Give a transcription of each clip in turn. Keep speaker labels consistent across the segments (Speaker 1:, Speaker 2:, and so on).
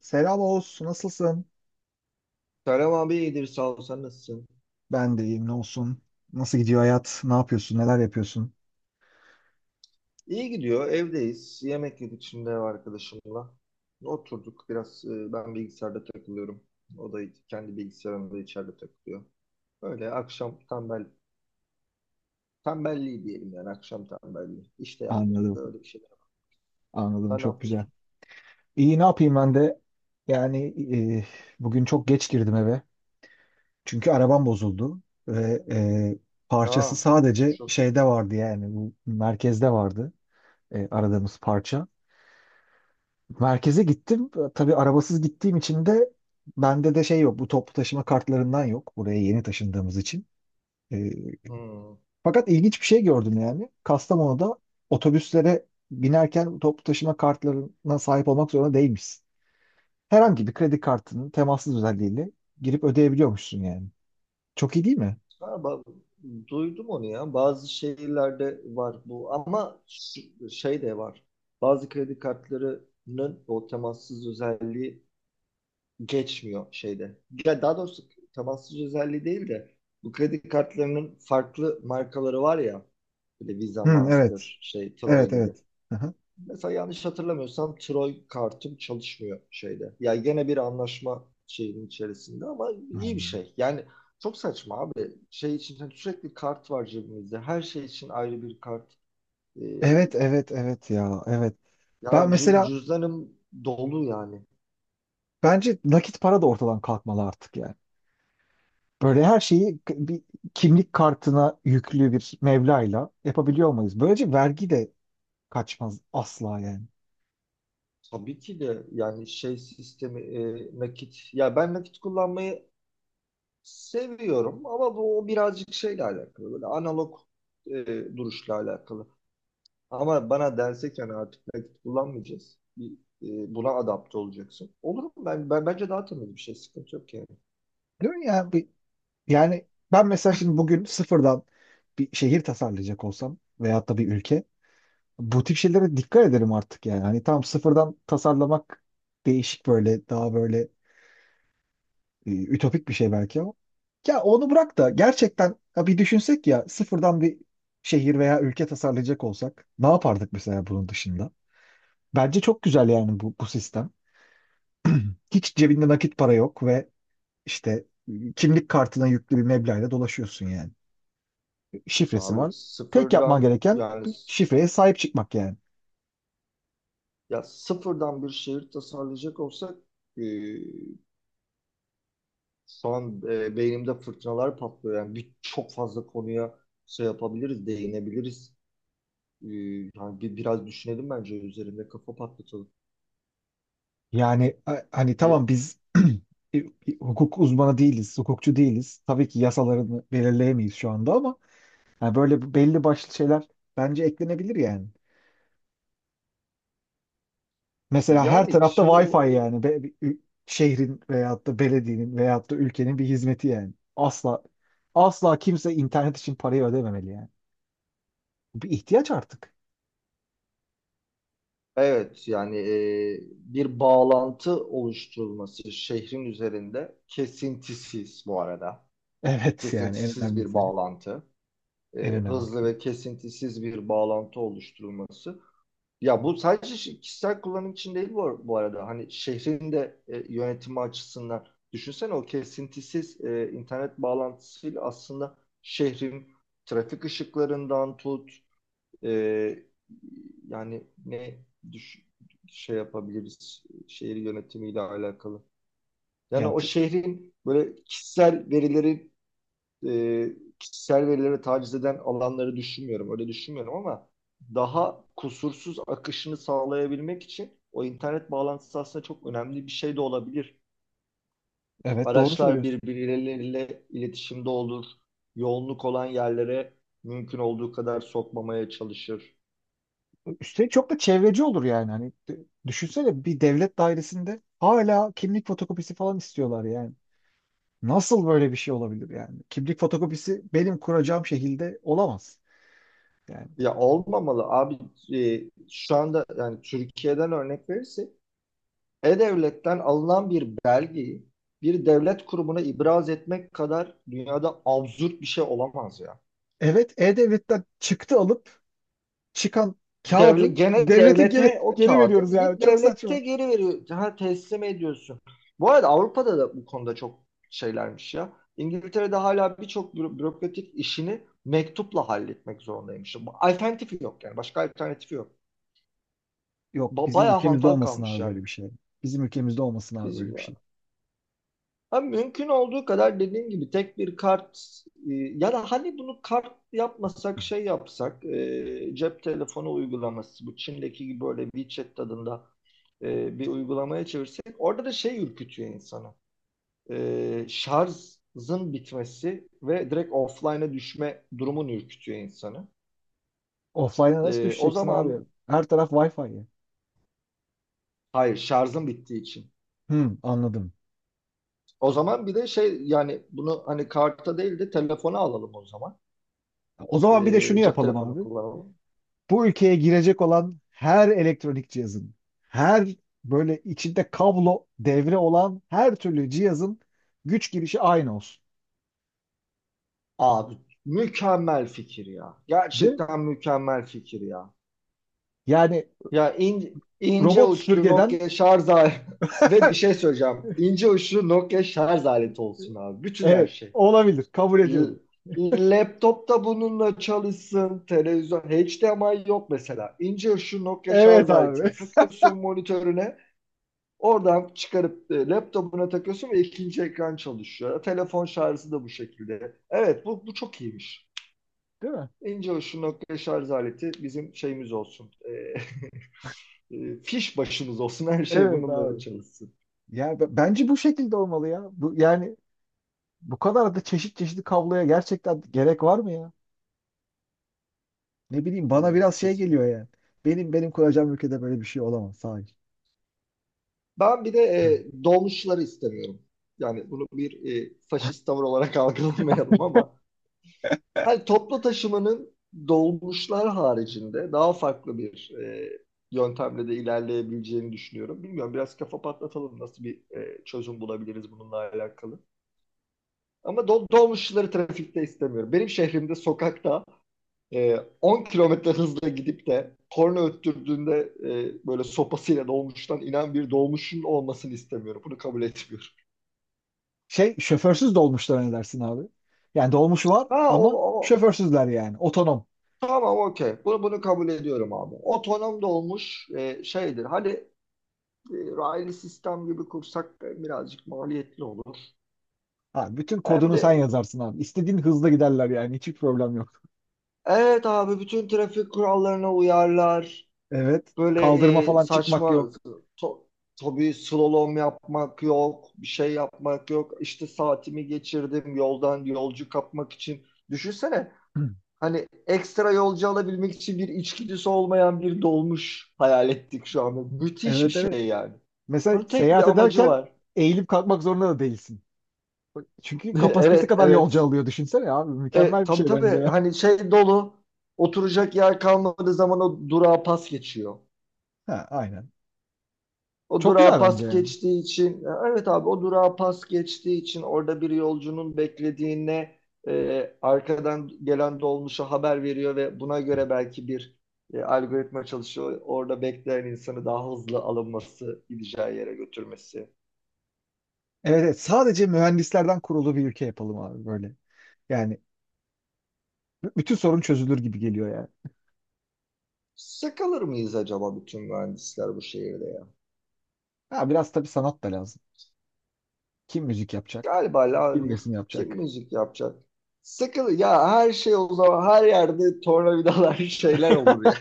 Speaker 1: Selam Oğuz, nasılsın?
Speaker 2: Selam abi, iyidir sağ ol, sen nasılsın?
Speaker 1: Ben de iyiyim, ne olsun? Nasıl gidiyor hayat? Ne yapıyorsun? Neler yapıyorsun?
Speaker 2: İyi gidiyor, evdeyiz, yemek yedik şimdi ev arkadaşımla. Oturduk biraz, ben bilgisayarda takılıyorum. O da kendi bilgisayarında içeride takılıyor. Öyle akşam tembelliği diyelim, yani akşam tembelliği. İş de yapmıyoruz da,
Speaker 1: Anladım,
Speaker 2: öyle bir şeyler.
Speaker 1: anladım.
Speaker 2: Sen ne
Speaker 1: Çok güzel.
Speaker 2: yapıyorsun?
Speaker 1: İyi, ne yapayım ben de? Yani e, bugün çok geç girdim eve. Çünkü arabam bozuldu. Ve parçası
Speaker 2: Aa,
Speaker 1: sadece
Speaker 2: geçmiş olsun.
Speaker 1: şeyde vardı yani. Bu merkezde vardı aradığımız parça. Merkeze gittim. Tabii arabasız gittiğim için de bende şey yok. Bu toplu taşıma kartlarından yok. Buraya yeni taşındığımız için. Ee,
Speaker 2: Hmm.
Speaker 1: fakat ilginç bir şey gördüm yani. Kastamonu'da otobüslere binerken toplu taşıma kartlarına sahip olmak zorunda değilmişsin. Herhangi bir kredi kartının temassız özelliğiyle girip ödeyebiliyormuşsun yani. Çok iyi değil mi?
Speaker 2: Ha, ba- duydum onu ya, bazı şehirlerde var bu, ama şey de var. Bazı kredi kartlarının o temassız özelliği geçmiyor şeyde. Ya daha doğrusu temassız özelliği değil de, bu kredi kartlarının farklı markaları var ya. Böyle Visa,
Speaker 1: Hı, evet.
Speaker 2: Master, şey Troy
Speaker 1: Evet,
Speaker 2: gibi.
Speaker 1: evet. Aha.
Speaker 2: Mesela yanlış hatırlamıyorsam Troy kartım çalışmıyor şeyde. Ya gene bir anlaşma şeyinin içerisinde, ama iyi bir
Speaker 1: Hmm.
Speaker 2: şey. Yani çok saçma abi. Şey için, hani sürekli kart var cebimizde. Her şey için ayrı bir kart. Ee,
Speaker 1: Evet, evet, evet ya. Evet. Ben
Speaker 2: yani
Speaker 1: mesela
Speaker 2: cüzdanım dolu yani.
Speaker 1: bence nakit para da ortadan kalkmalı artık. Böyle her şeyi bir kimlik kartına yüklü bir mevlayla yapabiliyor olmalıyız. Böylece vergi de kaçmaz asla yani.
Speaker 2: Tabii ki de, yani şey sistemi, nakit, ya ben nakit kullanmayı seviyorum ama bu o birazcık şeyle alakalı, böyle analog, e, duruşla alakalı. Ama bana dense ki hani artık nakit kullanmayacağız, bir, buna adapte olacaksın, olur mu? Ben bence daha temiz bir şey, sıkıntı yok yani.
Speaker 1: Değil mi? Yani ben mesela şimdi bugün sıfırdan bir şehir tasarlayacak olsam veyahut da bir ülke, bu tip şeylere dikkat ederim artık yani. Hani tam sıfırdan tasarlamak değişik, böyle daha böyle ütopik bir şey belki ama. Ya onu bırak da gerçekten ya bir düşünsek ya, sıfırdan bir şehir veya ülke tasarlayacak olsak ne yapardık mesela bunun dışında? Bence çok güzel yani bu sistem. Hiç cebinde nakit para yok ve işte kimlik kartına yüklü bir meblağla dolaşıyorsun yani. Şifresi
Speaker 2: Abi
Speaker 1: var. Tek yapman
Speaker 2: sıfırdan,
Speaker 1: gereken
Speaker 2: yani
Speaker 1: şifreye sahip çıkmak yani.
Speaker 2: ya sıfırdan bir şehir tasarlayacak olsak, e, son, beynimde fırtınalar patlıyor. Yani bir, çok fazla konuya şey yapabiliriz, değinebiliriz. Ee, yani bir, biraz düşünelim bence, üzerinde kafa patlatalım.
Speaker 1: Hani
Speaker 2: Ya-
Speaker 1: tamam biz e, hukuk uzmanı değiliz, hukukçu değiliz. Tabii ki yasalarını belirleyemeyiz şu anda ama yani böyle belli başlı şeyler bence eklenebilir yani. Mesela her
Speaker 2: Yani
Speaker 1: tarafta
Speaker 2: şimdi
Speaker 1: Wi-Fi
Speaker 2: o,
Speaker 1: yani. Şehrin veyahut da belediyenin veyahut da ülkenin bir hizmeti yani. Asla asla kimse internet için parayı ödememeli yani. Bu bir ihtiyaç artık.
Speaker 2: evet yani, bir bağlantı oluşturulması şehrin üzerinde, kesintisiz bu arada.
Speaker 1: Evet yani en
Speaker 2: Kesintisiz bir
Speaker 1: önemlisi.
Speaker 2: bağlantı.
Speaker 1: En
Speaker 2: Hızlı
Speaker 1: önemlisi.
Speaker 2: ve kesintisiz bir bağlantı oluşturulması. Ya bu sadece kişisel kullanım için değil bu, bu arada. Hani şehrin de, yönetimi açısından, düşünsene o kesintisiz internet bağlantısıyla aslında şehrin trafik ışıklarından tut, e, yani düş- şey yapabiliriz şehir yönetimiyle alakalı. Yani
Speaker 1: Yani
Speaker 2: o
Speaker 1: t-
Speaker 2: şehrin böyle kişisel verileri, e, kişisel verilere taciz eden alanları düşünmüyorum. Öyle düşünmüyorum ama daha kusursuz akışını sağlayabilmek için o internet bağlantısı aslında çok önemli bir şey de olabilir.
Speaker 1: evet doğru
Speaker 2: Araçlar
Speaker 1: söylüyorsun.
Speaker 2: birbirleriyle iletişimde olur. Yoğunluk olan yerlere mümkün olduğu kadar sokmamaya çalışır.
Speaker 1: Üstelik çok da çevreci olur yani. Düşünsene bir devlet dairesinde hala kimlik fotokopisi falan istiyorlar yani. Nasıl böyle bir şey olabilir yani? Kimlik fotokopisi benim kuracağım şekilde olamaz. Yani
Speaker 2: Ya olmamalı abi. E, şu anda yani, Türkiye'den örnek verirsek E-Devlet'ten alınan bir belgeyi bir devlet kurumuna ibraz etmek kadar dünyada absürt bir şey olamaz ya.
Speaker 1: evet, e-devletten çıktı alıp çıkan kağıdı
Speaker 2: Devlet, gene
Speaker 1: devlete
Speaker 2: devlete o
Speaker 1: geri
Speaker 2: kağıdı
Speaker 1: veriyoruz yani.
Speaker 2: gidip
Speaker 1: Çok
Speaker 2: devlete
Speaker 1: saçma.
Speaker 2: geri veriyor, ha, teslim ediyorsun. Bu arada Avrupa'da da bu konuda çok şeylermiş ya. İngiltere'de hala birçok bürokratik işini mektupla halletmek zorundaymış. Bu alternatifi yok yani. Başka alternatifi yok.
Speaker 1: Yok, bizim
Speaker 2: Bayağı
Speaker 1: ülkemizde
Speaker 2: hantal
Speaker 1: olmasın
Speaker 2: kalmış
Speaker 1: abi
Speaker 2: yani.
Speaker 1: böyle bir şey. Bizim ülkemizde olmasın abi
Speaker 2: Biz,
Speaker 1: böyle bir şey.
Speaker 2: ha, mümkün olduğu kadar dediğim gibi tek bir kart, ya da hani bunu kart yapmasak şey yapsak, cep telefonu uygulaması, bu Çin'deki gibi böyle WeChat tadında bir uygulamaya çevirsek, orada da şey ürkütüyor insanı. Şarjın bitmesi ve direkt offline'a düşme durumun ürkütüyor insanı.
Speaker 1: Offline'a nasıl
Speaker 2: O
Speaker 1: düşeceksin
Speaker 2: zaman,
Speaker 1: abi? Her taraf Wi-Fi ya.
Speaker 2: hayır, şarjın bittiği için.
Speaker 1: Hmm, anladım.
Speaker 2: O zaman bir de şey, yani bunu hani karta değil de telefona alalım o zaman.
Speaker 1: O zaman bir de şunu
Speaker 2: Cep
Speaker 1: yapalım
Speaker 2: telefonu
Speaker 1: abi.
Speaker 2: kullanalım.
Speaker 1: Bu ülkeye girecek olan her elektronik cihazın, her böyle içinde kablo devre olan her türlü cihazın güç girişi aynı olsun.
Speaker 2: Abi mükemmel fikir ya.
Speaker 1: Değil mi?
Speaker 2: Gerçekten mükemmel fikir ya.
Speaker 1: Yani
Speaker 2: Ya ince
Speaker 1: robot
Speaker 2: uçlu
Speaker 1: süpürgeden
Speaker 2: Nokia şarj aleti ve bir şey söyleyeceğim. İnce uçlu Nokia şarj aleti olsun abi. Bütün her
Speaker 1: evet,
Speaker 2: şey.
Speaker 1: olabilir. Kabul
Speaker 2: L-
Speaker 1: ediyorum.
Speaker 2: laptop da bununla çalışsın. Televizyon HDMI yok mesela. İnce uçlu Nokia şarj
Speaker 1: Evet abi.
Speaker 2: aletini takıyorsun monitörüne. Oradan çıkarıp laptopuna takıyorsun ve ikinci ekran çalışıyor. Telefon şarjı da bu şekilde. Evet bu, bu çok iyiymiş.
Speaker 1: Değil mi?
Speaker 2: İnce uçlu nokta şarj aleti bizim şeyimiz olsun. Fiş başımız olsun. Her şey
Speaker 1: Evet
Speaker 2: bununla
Speaker 1: abi.
Speaker 2: çalışsın.
Speaker 1: Bence bu şekilde olmalı ya. Yani bu kadar da çeşit çeşitli kabloya gerçekten gerek var mı ya? Ne bileyim, bana
Speaker 2: Hmm,
Speaker 1: biraz şey
Speaker 2: kesin.
Speaker 1: geliyor yani. Benim kuracağım ülkede böyle bir şey olamaz sadece.
Speaker 2: Ben bir de dolmuşları istemiyorum. Yani bunu bir faşist tavır olarak algılamayalım ama hani toplu taşımanın dolmuşlar haricinde daha farklı bir yöntemle de ilerleyebileceğini düşünüyorum. Bilmiyorum, biraz kafa patlatalım, nasıl bir çözüm bulabiliriz bununla alakalı. Ama dolmuşları trafikte istemiyorum. Benim şehrimde sokakta 10 kilometre hızla gidip de korna öttürdüğünde böyle sopasıyla dolmuştan inen bir dolmuşun olmasını istemiyorum. Bunu kabul etmiyorum.
Speaker 1: Şey, şoförsüz dolmuşlar ne dersin abi? Yani dolmuş var ama
Speaker 2: O,
Speaker 1: şoförsüzler yani. Otonom.
Speaker 2: tamam, okey. Bunu, bunu kabul ediyorum abi. Otonom dolmuş şeydir. Hani raylı sistem gibi kursak da birazcık maliyetli olur.
Speaker 1: Ha, bütün
Speaker 2: Hem
Speaker 1: kodunu sen
Speaker 2: de,
Speaker 1: yazarsın abi. İstediğin hızla giderler yani. Hiçbir problem yok.
Speaker 2: evet abi, bütün trafik kurallarına uyarlar.
Speaker 1: Evet.
Speaker 2: Böyle
Speaker 1: Kaldırma falan çıkmak
Speaker 2: saçma,
Speaker 1: yok.
Speaker 2: to, tabii slalom yapmak yok, bir şey yapmak yok. İşte saatimi geçirdim yoldan yolcu kapmak için. Düşünsene, hani ekstra yolcu alabilmek için bir içgüdüsü olmayan bir dolmuş hayal ettik şu anda. Müthiş bir
Speaker 1: Evet, evet.
Speaker 2: şey yani.
Speaker 1: Mesela
Speaker 2: Bunun tek bir
Speaker 1: seyahat
Speaker 2: amacı
Speaker 1: ederken
Speaker 2: var.
Speaker 1: eğilip kalkmak zorunda da değilsin. Çünkü kapasitesi
Speaker 2: Evet,
Speaker 1: kadar
Speaker 2: evet.
Speaker 1: yolcu alıyor, düşünsene abi. Mükemmel bir
Speaker 2: Tabii
Speaker 1: şey
Speaker 2: tabii,
Speaker 1: bence.
Speaker 2: hani şey dolu, oturacak yer kalmadığı zaman o durağa pas geçiyor.
Speaker 1: Ha, aynen.
Speaker 2: O
Speaker 1: Çok
Speaker 2: durağa
Speaker 1: güzel bence
Speaker 2: pas
Speaker 1: yani.
Speaker 2: geçtiği için, evet abi, o durağa pas geçtiği için orada bir yolcunun beklediğine arkadan gelen dolmuşa haber veriyor ve buna göre belki bir algoritma çalışıyor. Orada bekleyen insanı daha hızlı alınması, gideceği yere götürmesi.
Speaker 1: Evet, evet, sadece mühendislerden kurulu bir ülke yapalım abi böyle. Yani bütün sorun çözülür gibi geliyor yani.
Speaker 2: Sıkılır mıyız acaba bütün mühendisler bu şehirde ya?
Speaker 1: Ha, biraz tabii sanat da lazım. Kim müzik yapacak?
Speaker 2: Galiba,
Speaker 1: Kim resim
Speaker 2: kim
Speaker 1: yapacak?
Speaker 2: müzik yapacak? Sıkılır ya her şey, o zaman her yerde tornavidalar şeyler olur ya.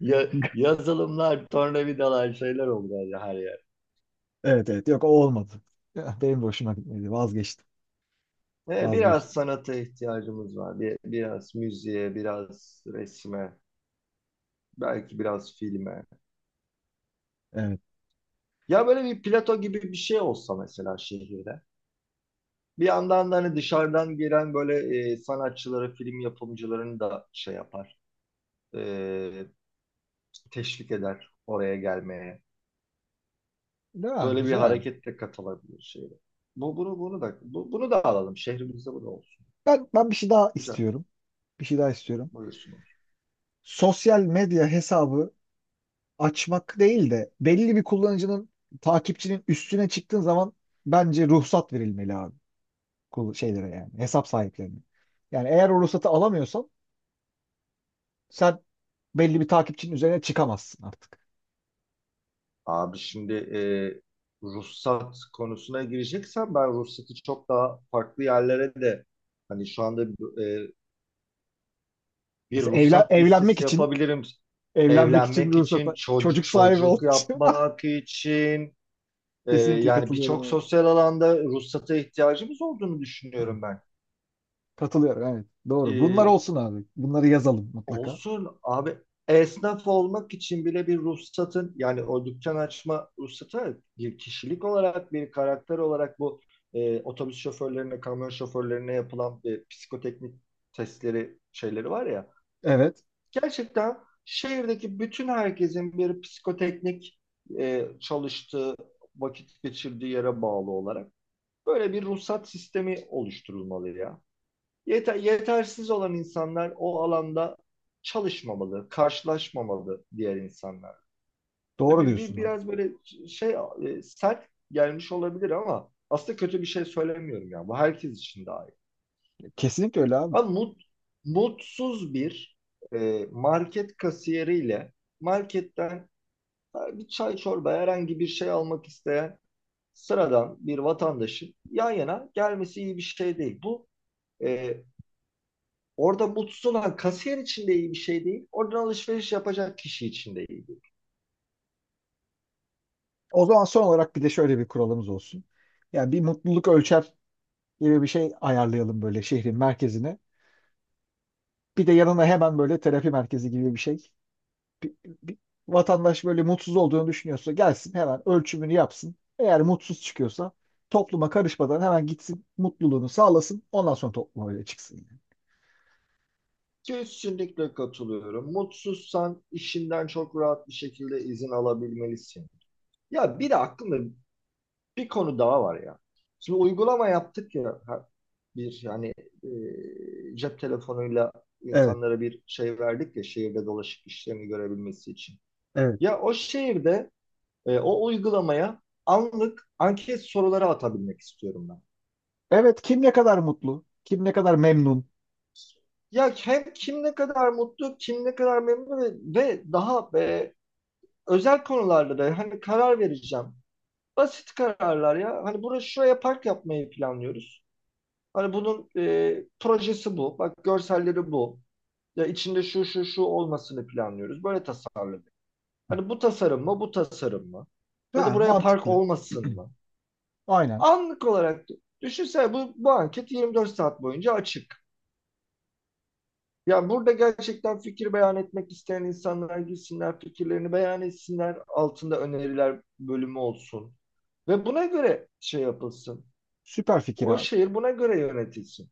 Speaker 2: Ya, yazılımlar, tornavidalar, şeyler oldu yani her yer.
Speaker 1: Evet evet, yok o olmadı. Ya, benim de hoşuma gitmedi. Vazgeçtim.
Speaker 2: Biraz
Speaker 1: Vazgeçtim.
Speaker 2: sanata ihtiyacımız var. Bir, biraz müziğe, biraz resme, belki biraz filme.
Speaker 1: Evet.
Speaker 2: Ya böyle bir plato gibi bir şey olsa mesela şehirde. Bir yandan da hani dışarıdan gelen böyle sanatçıları, film yapımcılarını da şey yapar, e, teşvik eder oraya gelmeye.
Speaker 1: Ya,
Speaker 2: Böyle bir
Speaker 1: güzel.
Speaker 2: harekette katılabilir şehre. Bu, bunu, bunu da, bunu da alalım. Şehrimizde bu da olsun.
Speaker 1: Ben bir şey daha
Speaker 2: Güzel.
Speaker 1: istiyorum. Bir şey daha istiyorum.
Speaker 2: Buyursun.
Speaker 1: Sosyal medya hesabı açmak değil de belli bir kullanıcının, takipçinin üstüne çıktığın zaman bence ruhsat verilmeli abi. Şeylere yani, hesap sahiplerine. Yani eğer o ruhsatı alamıyorsan sen belli bir takipçinin üzerine çıkamazsın artık.
Speaker 2: Abi şimdi, ruhsat konusuna gireceksem ben ruhsatı çok daha farklı yerlere de, hani şu anda e, bir
Speaker 1: Mesela
Speaker 2: ruhsat
Speaker 1: evlenmek
Speaker 2: listesi
Speaker 1: için,
Speaker 2: yapabilirim.
Speaker 1: evlenmek için
Speaker 2: Evlenmek
Speaker 1: bir
Speaker 2: için,
Speaker 1: ruhsata, çocuk sahibi
Speaker 2: çocuk
Speaker 1: olduğu için
Speaker 2: yapmak için,
Speaker 1: kesinlikle
Speaker 2: yani birçok
Speaker 1: katılıyorum
Speaker 2: sosyal alanda ruhsata ihtiyacımız olduğunu
Speaker 1: abi.
Speaker 2: düşünüyorum
Speaker 1: Katılıyorum, evet. Doğru. Bunlar
Speaker 2: ben.
Speaker 1: olsun abi. Bunları yazalım mutlaka.
Speaker 2: Olsun abi, esnaf olmak için bile bir ruhsatın, yani o dükkan açma ruhsatı, bir kişilik olarak bir karakter olarak, bu otobüs şoförlerine, kamyon şoförlerine yapılan psikoteknik testleri şeyleri var ya,
Speaker 1: Evet.
Speaker 2: gerçekten şehirdeki bütün herkesin bir psikoteknik, çalıştığı, vakit geçirdiği yere bağlı olarak böyle bir ruhsat sistemi oluşturulmalı ya. Yetersiz olan insanlar o alanda çalışmamalı, karşılaşmamalı diğer insanlar.
Speaker 1: Doğru diyorsun abi.
Speaker 2: Biraz böyle şey, sert gelmiş olabilir ama aslında kötü bir şey söylemiyorum yani, bu herkes için daha iyi.
Speaker 1: Kesinlikle öyle abi.
Speaker 2: Ama mutsuz bir market kasiyeriyle marketten bir çay, çorba, herhangi bir şey almak isteyen sıradan bir vatandaşın yan yana gelmesi iyi bir şey değil. Bu e, orada mutsuz olan kasiyer için de iyi bir şey değil. Oradan alışveriş yapacak kişi için de iyi değil.
Speaker 1: O zaman son olarak bir de şöyle bir kuralımız olsun. Yani bir mutluluk ölçer gibi bir şey ayarlayalım böyle şehrin merkezine. Bir de yanına hemen böyle terapi merkezi gibi bir şey. Bir, bir vatandaş böyle mutsuz olduğunu düşünüyorsa gelsin hemen ölçümünü yapsın. Eğer mutsuz çıkıyorsa topluma karışmadan hemen gitsin mutluluğunu sağlasın. Ondan sonra topluma öyle çıksın yani.
Speaker 2: Kesinlikle katılıyorum. Mutsuzsan işinden çok rahat bir şekilde izin alabilmelisin. Ya bir de aklımda bir konu daha var ya. Şimdi uygulama yaptık ya, bir hani, cep telefonuyla
Speaker 1: Evet,
Speaker 2: insanlara bir şey verdik ya şehirde dolaşıp işlerini görebilmesi için.
Speaker 1: evet.
Speaker 2: Ya o şehirde o uygulamaya anlık anket soruları atabilmek istiyorum ben.
Speaker 1: Evet, kim ne kadar mutlu, kim ne kadar memnun.
Speaker 2: Ya hem kim ne kadar mutlu, kim ne kadar memnun ve daha özel konularda da hani karar vereceğim. Basit kararlar ya. Hani burası, şuraya park yapmayı planlıyoruz. Hani bunun projesi bu. Bak, görselleri bu. Ya içinde şu şu şu olmasını planlıyoruz. Böyle tasarladık. Hani bu tasarım mı, bu tasarım mı? Ya da
Speaker 1: Ha,
Speaker 2: buraya park
Speaker 1: mantıklı.
Speaker 2: olmasın mı?
Speaker 1: Aynen.
Speaker 2: Anlık olarak düşünsene, bu, bu anket 24 saat boyunca açık. Ya burada gerçekten fikir beyan etmek isteyen insanlar gitsinler, fikirlerini beyan etsinler. Altında öneriler bölümü olsun. Ve buna göre şey yapılsın.
Speaker 1: Süper fikir
Speaker 2: O
Speaker 1: abi.
Speaker 2: şehir buna göre yönetilsin.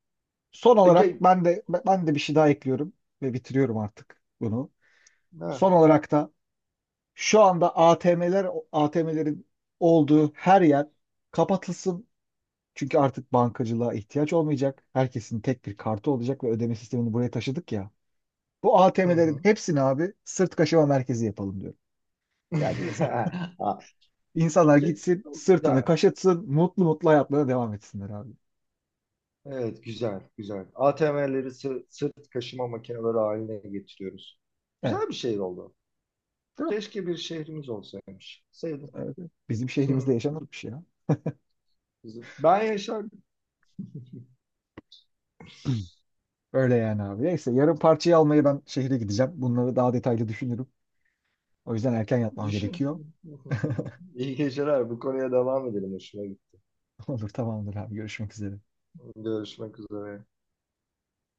Speaker 1: Son
Speaker 2: E,
Speaker 1: olarak
Speaker 2: ge-
Speaker 1: ben de bir şey daha ekliyorum ve bitiriyorum artık bunu.
Speaker 2: ha,
Speaker 1: Son olarak da şu anda ATM'lerin olduğu her yer kapatılsın. Çünkü artık bankacılığa ihtiyaç olmayacak. Herkesin tek bir kartı olacak ve ödeme sistemini buraya taşıdık ya. Bu
Speaker 2: hı
Speaker 1: ATM'lerin
Speaker 2: hı.
Speaker 1: hepsini abi sırt kaşıma merkezi yapalım diyorum. Yani
Speaker 2: Ha,
Speaker 1: insanlar
Speaker 2: şey,
Speaker 1: gitsin, sırtını
Speaker 2: güzel.
Speaker 1: kaşıtsın, mutlu mutlu hayatlarına devam etsinler abi.
Speaker 2: Evet, güzel, güzel. ATM'leri sırt kaşıma makineleri haline getiriyoruz.
Speaker 1: Evet.
Speaker 2: Güzel bir şehir oldu.
Speaker 1: Değil mi?
Speaker 2: Keşke bir şehrimiz olsaymış. Sevdim.
Speaker 1: Evet. Bizim şehrimizde
Speaker 2: Hı
Speaker 1: yaşanır bir şey ya.
Speaker 2: hı. Ben yaşardım.
Speaker 1: Öyle yani abi. Neyse, yarın parçayı almaya ben şehre gideceğim. Bunları daha detaylı düşünürüm. O yüzden erken yatmam
Speaker 2: Düşün.
Speaker 1: gerekiyor.
Speaker 2: İyi geceler. Bu konuya devam edelim. Hoşuma gitti.
Speaker 1: Olur, tamamdır abi, görüşmek üzere.
Speaker 2: Görüşmek üzere.